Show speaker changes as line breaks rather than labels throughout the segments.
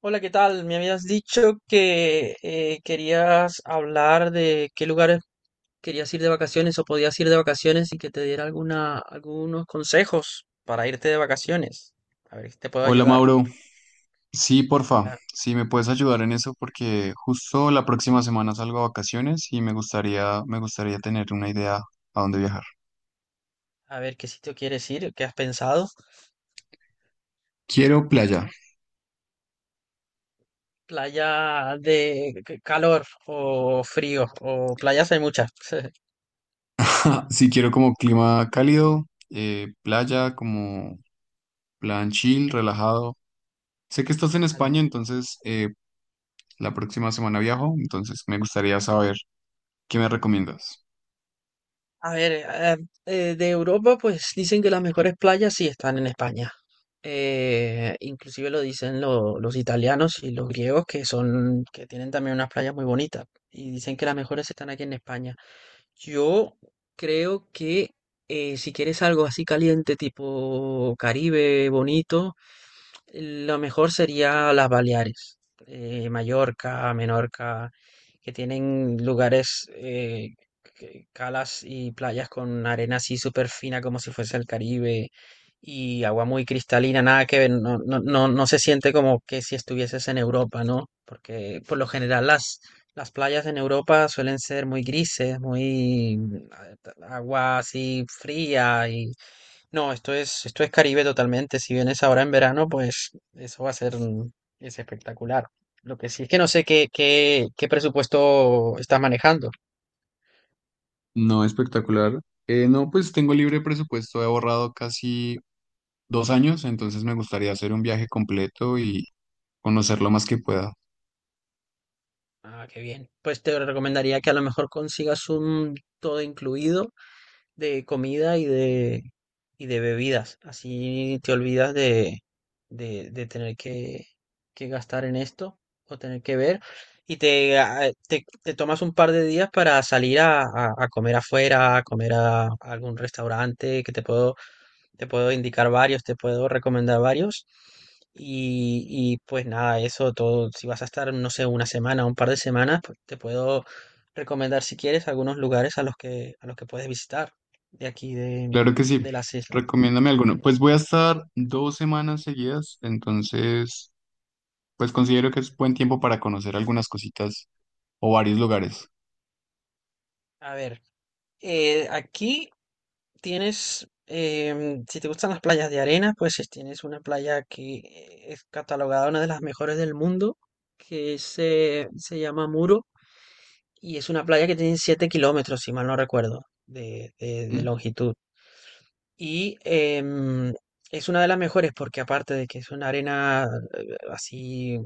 Hola, ¿qué tal? Me habías dicho que querías hablar de qué lugares querías ir de vacaciones o podías ir de vacaciones y que te diera algunos consejos para irte de vacaciones. A ver si te puedo
Hola
ayudar.
Mauro, sí, porfa,
Hola.
si me puedes ayudar en eso porque justo la próxima semana salgo a vacaciones y me gustaría tener una idea a dónde viajar.
A ver qué sitio quieres ir, qué has pensado.
Quiero playa,
Playa de calor o frío o playas hay muchas.
sí quiero como clima cálido, playa, como plan chill, relajado. Sé que estás en
Vale.
España, entonces la próxima semana viajo, entonces me gustaría saber qué me recomiendas.
A ver, de Europa, pues dicen que las mejores playas sí están en España. Inclusive lo dicen los italianos y los griegos, que tienen también unas playas muy bonitas. Y dicen que las mejores están aquí en España. Yo creo que si quieres algo así caliente, tipo Caribe, bonito, lo mejor sería las Baleares, Mallorca, Menorca, que tienen lugares, calas y playas con arena así súper fina como si fuese el Caribe y agua muy cristalina, nada que ver, no, no, no, no se siente como que si estuvieses en Europa, ¿no? Porque por lo general las playas en Europa suelen ser muy grises, muy agua así fría y no, esto es Caribe totalmente. Si vienes ahora en verano, pues eso va a ser mm, es espectacular. Lo que sí es que no sé qué presupuesto estás manejando.
No, espectacular. No, pues tengo libre presupuesto, he ahorrado casi 2 años, entonces me gustaría hacer un viaje completo y conocer lo más que pueda.
Ah, qué bien. Pues te recomendaría que a lo mejor consigas un todo incluido de comida y de bebidas. Así te olvidas de tener que gastar en esto o tener que ver. Y te tomas un par de días para salir a comer afuera, a comer a algún restaurante que te puedo indicar varios, te puedo recomendar varios. Y, pues nada, eso todo. Si vas a estar, no sé, una semana, un par de semanas, pues te puedo recomendar si quieres algunos lugares a los que puedes visitar de aquí de,
Claro que sí,
de las islas.
recomiéndame alguno. Pues voy a estar 2 semanas seguidas, entonces pues considero que es buen tiempo para conocer algunas cositas o varios lugares.
A ver, aquí tienes, si te gustan las playas de arena, pues tienes una playa que es catalogada una de las mejores del mundo, que se llama Muro. Y es una playa que tiene 7 km, si mal no recuerdo, de
¿Mm?
longitud. Y es una de las mejores porque aparte de que es una arena así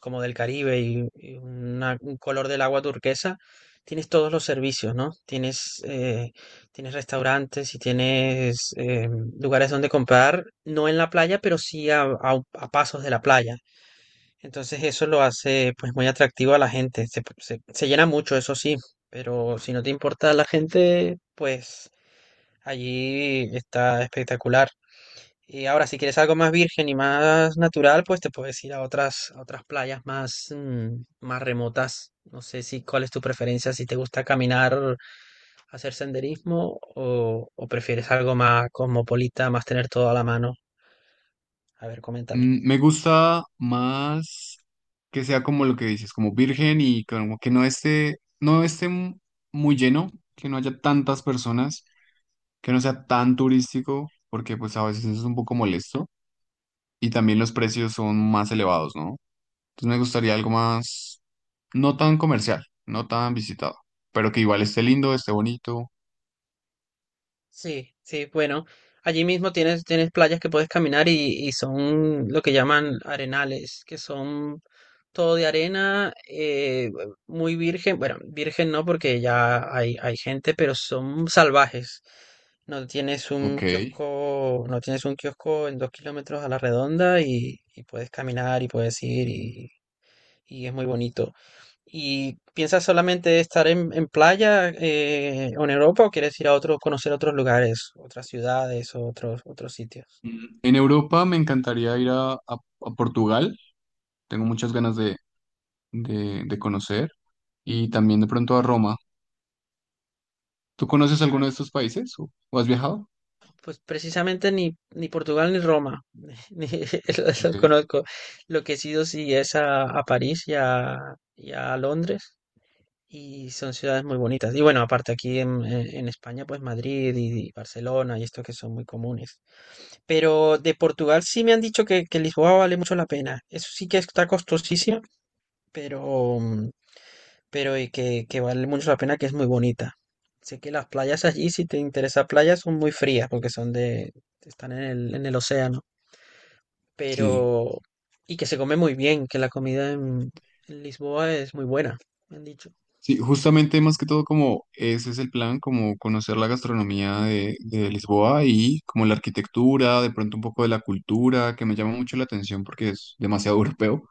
como del Caribe y un color del agua turquesa, tienes todos los servicios, ¿no? Tienes restaurantes y tienes lugares donde comprar, no en la playa, pero sí a pasos de la playa, entonces eso lo hace pues muy atractivo a la gente. Se llena mucho, eso sí, pero si no te importa la gente, pues allí está espectacular. Y ahora si quieres algo más virgen y más natural, pues te puedes ir a otras playas más remotas. No sé si cuál es tu preferencia, si te gusta caminar, hacer senderismo o prefieres algo más cosmopolita, más tener todo a la mano. A ver, coméntame.
Mm, me gusta más que sea como lo que dices, como virgen y como que no esté, muy lleno, que no haya tantas personas, que no sea tan turístico, porque pues a veces eso es un poco molesto. Y también los precios son más elevados, ¿no? Entonces me gustaría algo más, no tan comercial, no tan visitado, pero que igual esté lindo, esté bonito.
Sí, sí, bueno, allí mismo tienes playas que puedes caminar y son lo que llaman arenales, que son todo de arena, muy virgen, bueno, virgen no porque ya hay gente, pero son salvajes. No tienes un
Ok.
kiosco, no tienes un kiosco en 2 km a la redonda y puedes caminar y puedes ir y es muy bonito. ¿Y piensas solamente estar en playa o en Europa o quieres ir conocer otros lugares, otras ciudades o otros sitios?
Mm, en Europa me encantaría ir a, a Portugal, tengo muchas ganas de, de conocer, y también de pronto a Roma. ¿Tú conoces
Ah,
alguno
ok.
de estos países o has viajado?
Pues precisamente ni Portugal ni Roma, ni los
Ok.
conozco. Lo que he sido sí es a París y a Londres. Y son ciudades muy bonitas. Y bueno, aparte aquí en España, pues Madrid y Barcelona y estos que son muy comunes. Pero de Portugal sí me han dicho que Lisboa vale mucho la pena. Eso sí que está costosísimo, pero, mm, pero y que vale mucho la pena, que es muy bonita. Sé que las playas allí, si te interesa playas, son muy frías porque están en el océano.
Sí.
Pero, y que se come muy bien, que la comida en Lisboa es muy buena, me han dicho.
Sí, justamente más que todo como ese es el plan, como conocer la gastronomía de Lisboa y como la arquitectura, de pronto un poco de la cultura, que me llama mucho la atención porque es demasiado europeo.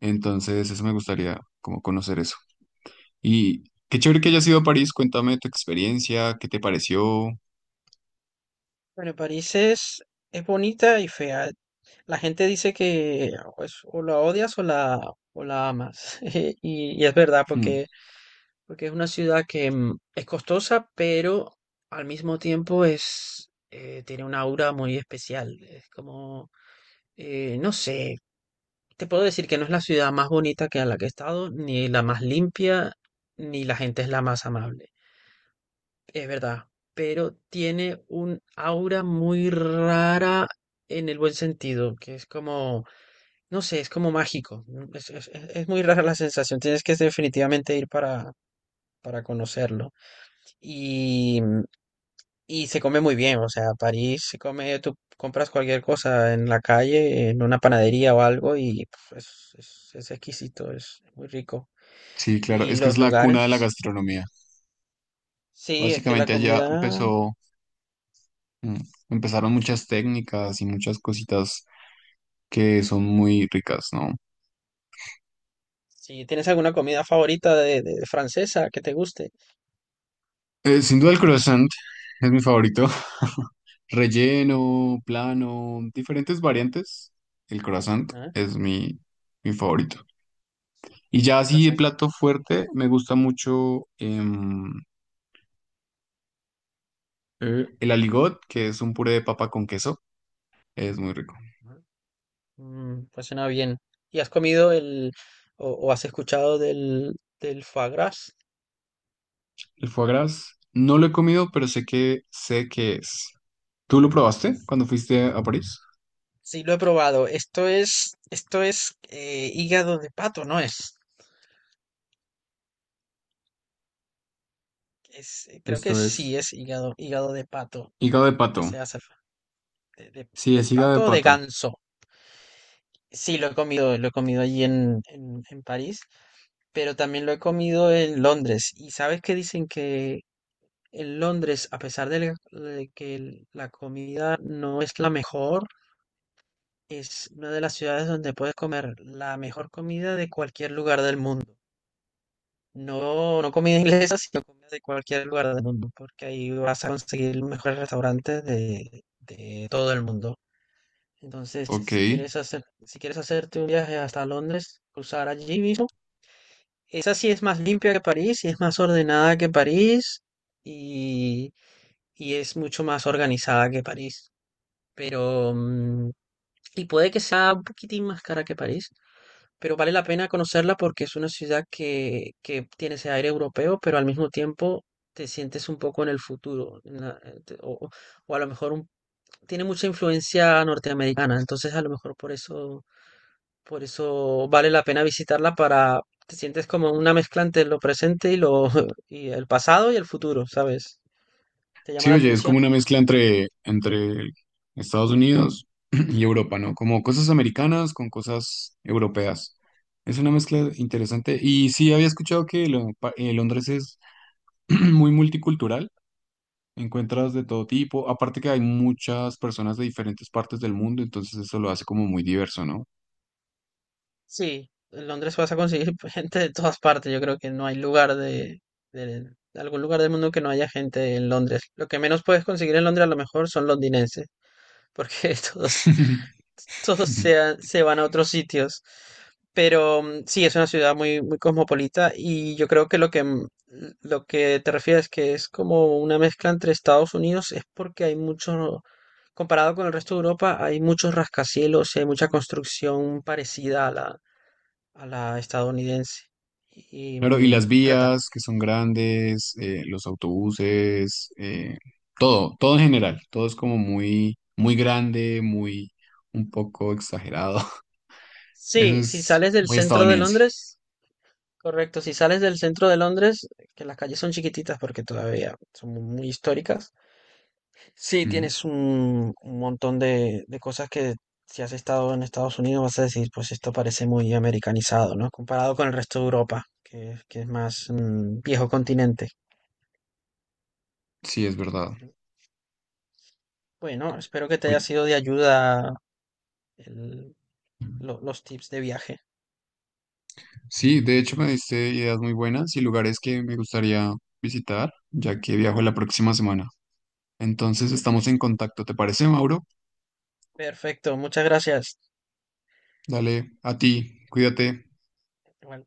Entonces, eso me gustaría como conocer eso. Y qué chévere que hayas ido a París, cuéntame tu experiencia, qué te pareció.
Bueno, París es bonita y fea. La gente dice que pues, o la odias o la amas. Y es verdad,
Hmm.
porque, porque es una ciudad es costosa, pero al mismo tiempo tiene una aura muy especial. Es como, no sé, te puedo decir que no es la ciudad más bonita que a la que he estado, ni la más limpia, ni la gente es la más amable. Es verdad, pero tiene un aura muy rara en el buen sentido, que es como, no sé, es como mágico, ¿no? Es muy rara la sensación, tienes que definitivamente ir para conocerlo. Y, mm, y se come muy bien, o sea, París se come, tú compras cualquier cosa en la calle, en una panadería o algo, y es exquisito, es muy rico.
Sí, claro,
Y
es que es
los
la cuna de la
lugares,
gastronomía.
sí, es que la
Básicamente allá
comida.
empezó, mm, empezaron muchas técnicas y muchas cositas que son muy ricas, ¿no?
Si tienes alguna comida favorita francesa que te guste.
Sin duda el croissant es mi favorito. Relleno, plano, diferentes variantes. El croissant
Ajá,
es mi, mi favorito. Y ya así de
croissant con-
plato fuerte, me gusta mucho el aligot, que es un puré de papa con queso. Es muy rico.
ajá. Pues suena bien. ¿Y has comido o has escuchado del foie gras?
El foie gras, no lo he comido, pero sé que es. ¿Tú lo probaste
Es-
cuando fuiste a París?
Sí, lo he probado. Esto es hígado de pato, ¿no es? Creo que
Esto
sí
es
es hígado de pato
hígado de
con lo que
pato.
se hace de, de-
Sí,
de
es hígado
pato
de
o de
pato.
ganso. Sí, lo he comido allí en París. Pero también lo he comido en Londres. Y sabes que dicen que en Londres, a pesar de que la comida no es la mejor, es una de las ciudades donde puedes comer la mejor comida de cualquier lugar del mundo. No, no comida inglesa, sino comida de cualquier lugar del mundo, porque ahí vas a conseguir los mejores restaurantes de todo el mundo. Entonces,
Ok.
si quieres hacerte un viaje hasta Londres, cruzar allí mismo. Esa sí es más limpia que París y es más ordenada que París y, y es mucho más organizada que París. Pero, y puede que sea un poquitín más cara que París, pero vale la pena conocerla porque es una ciudad que tiene ese aire europeo, pero al mismo tiempo te sientes un poco en el futuro, en la- te- o a lo mejor un- tiene mucha influencia norteamericana, entonces a lo mejor por eso vale la pena visitarla para. Te sientes como una mezcla entre lo presente y lo y el pasado y el futuro, ¿sabes? ¿Te llama
Sí,
la
oye, es
atención?
como una mezcla entre, entre Estados Unidos y Europa, ¿no? Como cosas americanas con cosas europeas. Es una mezcla interesante. Y sí, había escuchado que Londres es muy multicultural. Encuentras de todo tipo. Aparte que hay muchas personas de diferentes partes del mundo, entonces eso lo hace como muy diverso, ¿no?
Sí, en Londres vas a conseguir gente de todas partes. Yo creo que no hay lugar de algún lugar del mundo que no haya gente en Londres. Lo que menos puedes conseguir en Londres a lo mejor son londinenses, porque todos todos se van a otros sitios. Pero sí, es una ciudad muy, muy cosmopolita y yo creo que lo que te refieres que es como una mezcla entre Estados Unidos es porque hay mucho, comparado con el resto de Europa, hay muchos rascacielos y hay mucha construcción parecida a la estadounidense. Y,
Claro, y
mm,
las
pero tam-
vías que son grandes, los autobuses, todo, todo en general, todo es como muy, muy grande, muy, un poco exagerado. Eso
Sí, si
es
sales del
muy
centro de
estadounidense.
Londres. Correcto, si sales del centro de Londres, que las calles son chiquititas porque todavía son muy históricas, sí
Mm,
tienes un montón de cosas que si has estado en Estados Unidos vas a decir, pues esto parece muy americanizado, ¿no? Comparado con el resto de Europa, que es más viejo continente.
sí, es verdad.
Bueno, espero que te haya
Oye,
sido de ayuda el- los tips de viaje.
sí, de hecho me diste ideas muy buenas y lugares que me gustaría visitar, ya que viajo la próxima semana. Entonces estamos en
Perfecto.
contacto, ¿te parece, Mauro?
Perfecto, muchas gracias.
Dale, a ti, cuídate.
Igual-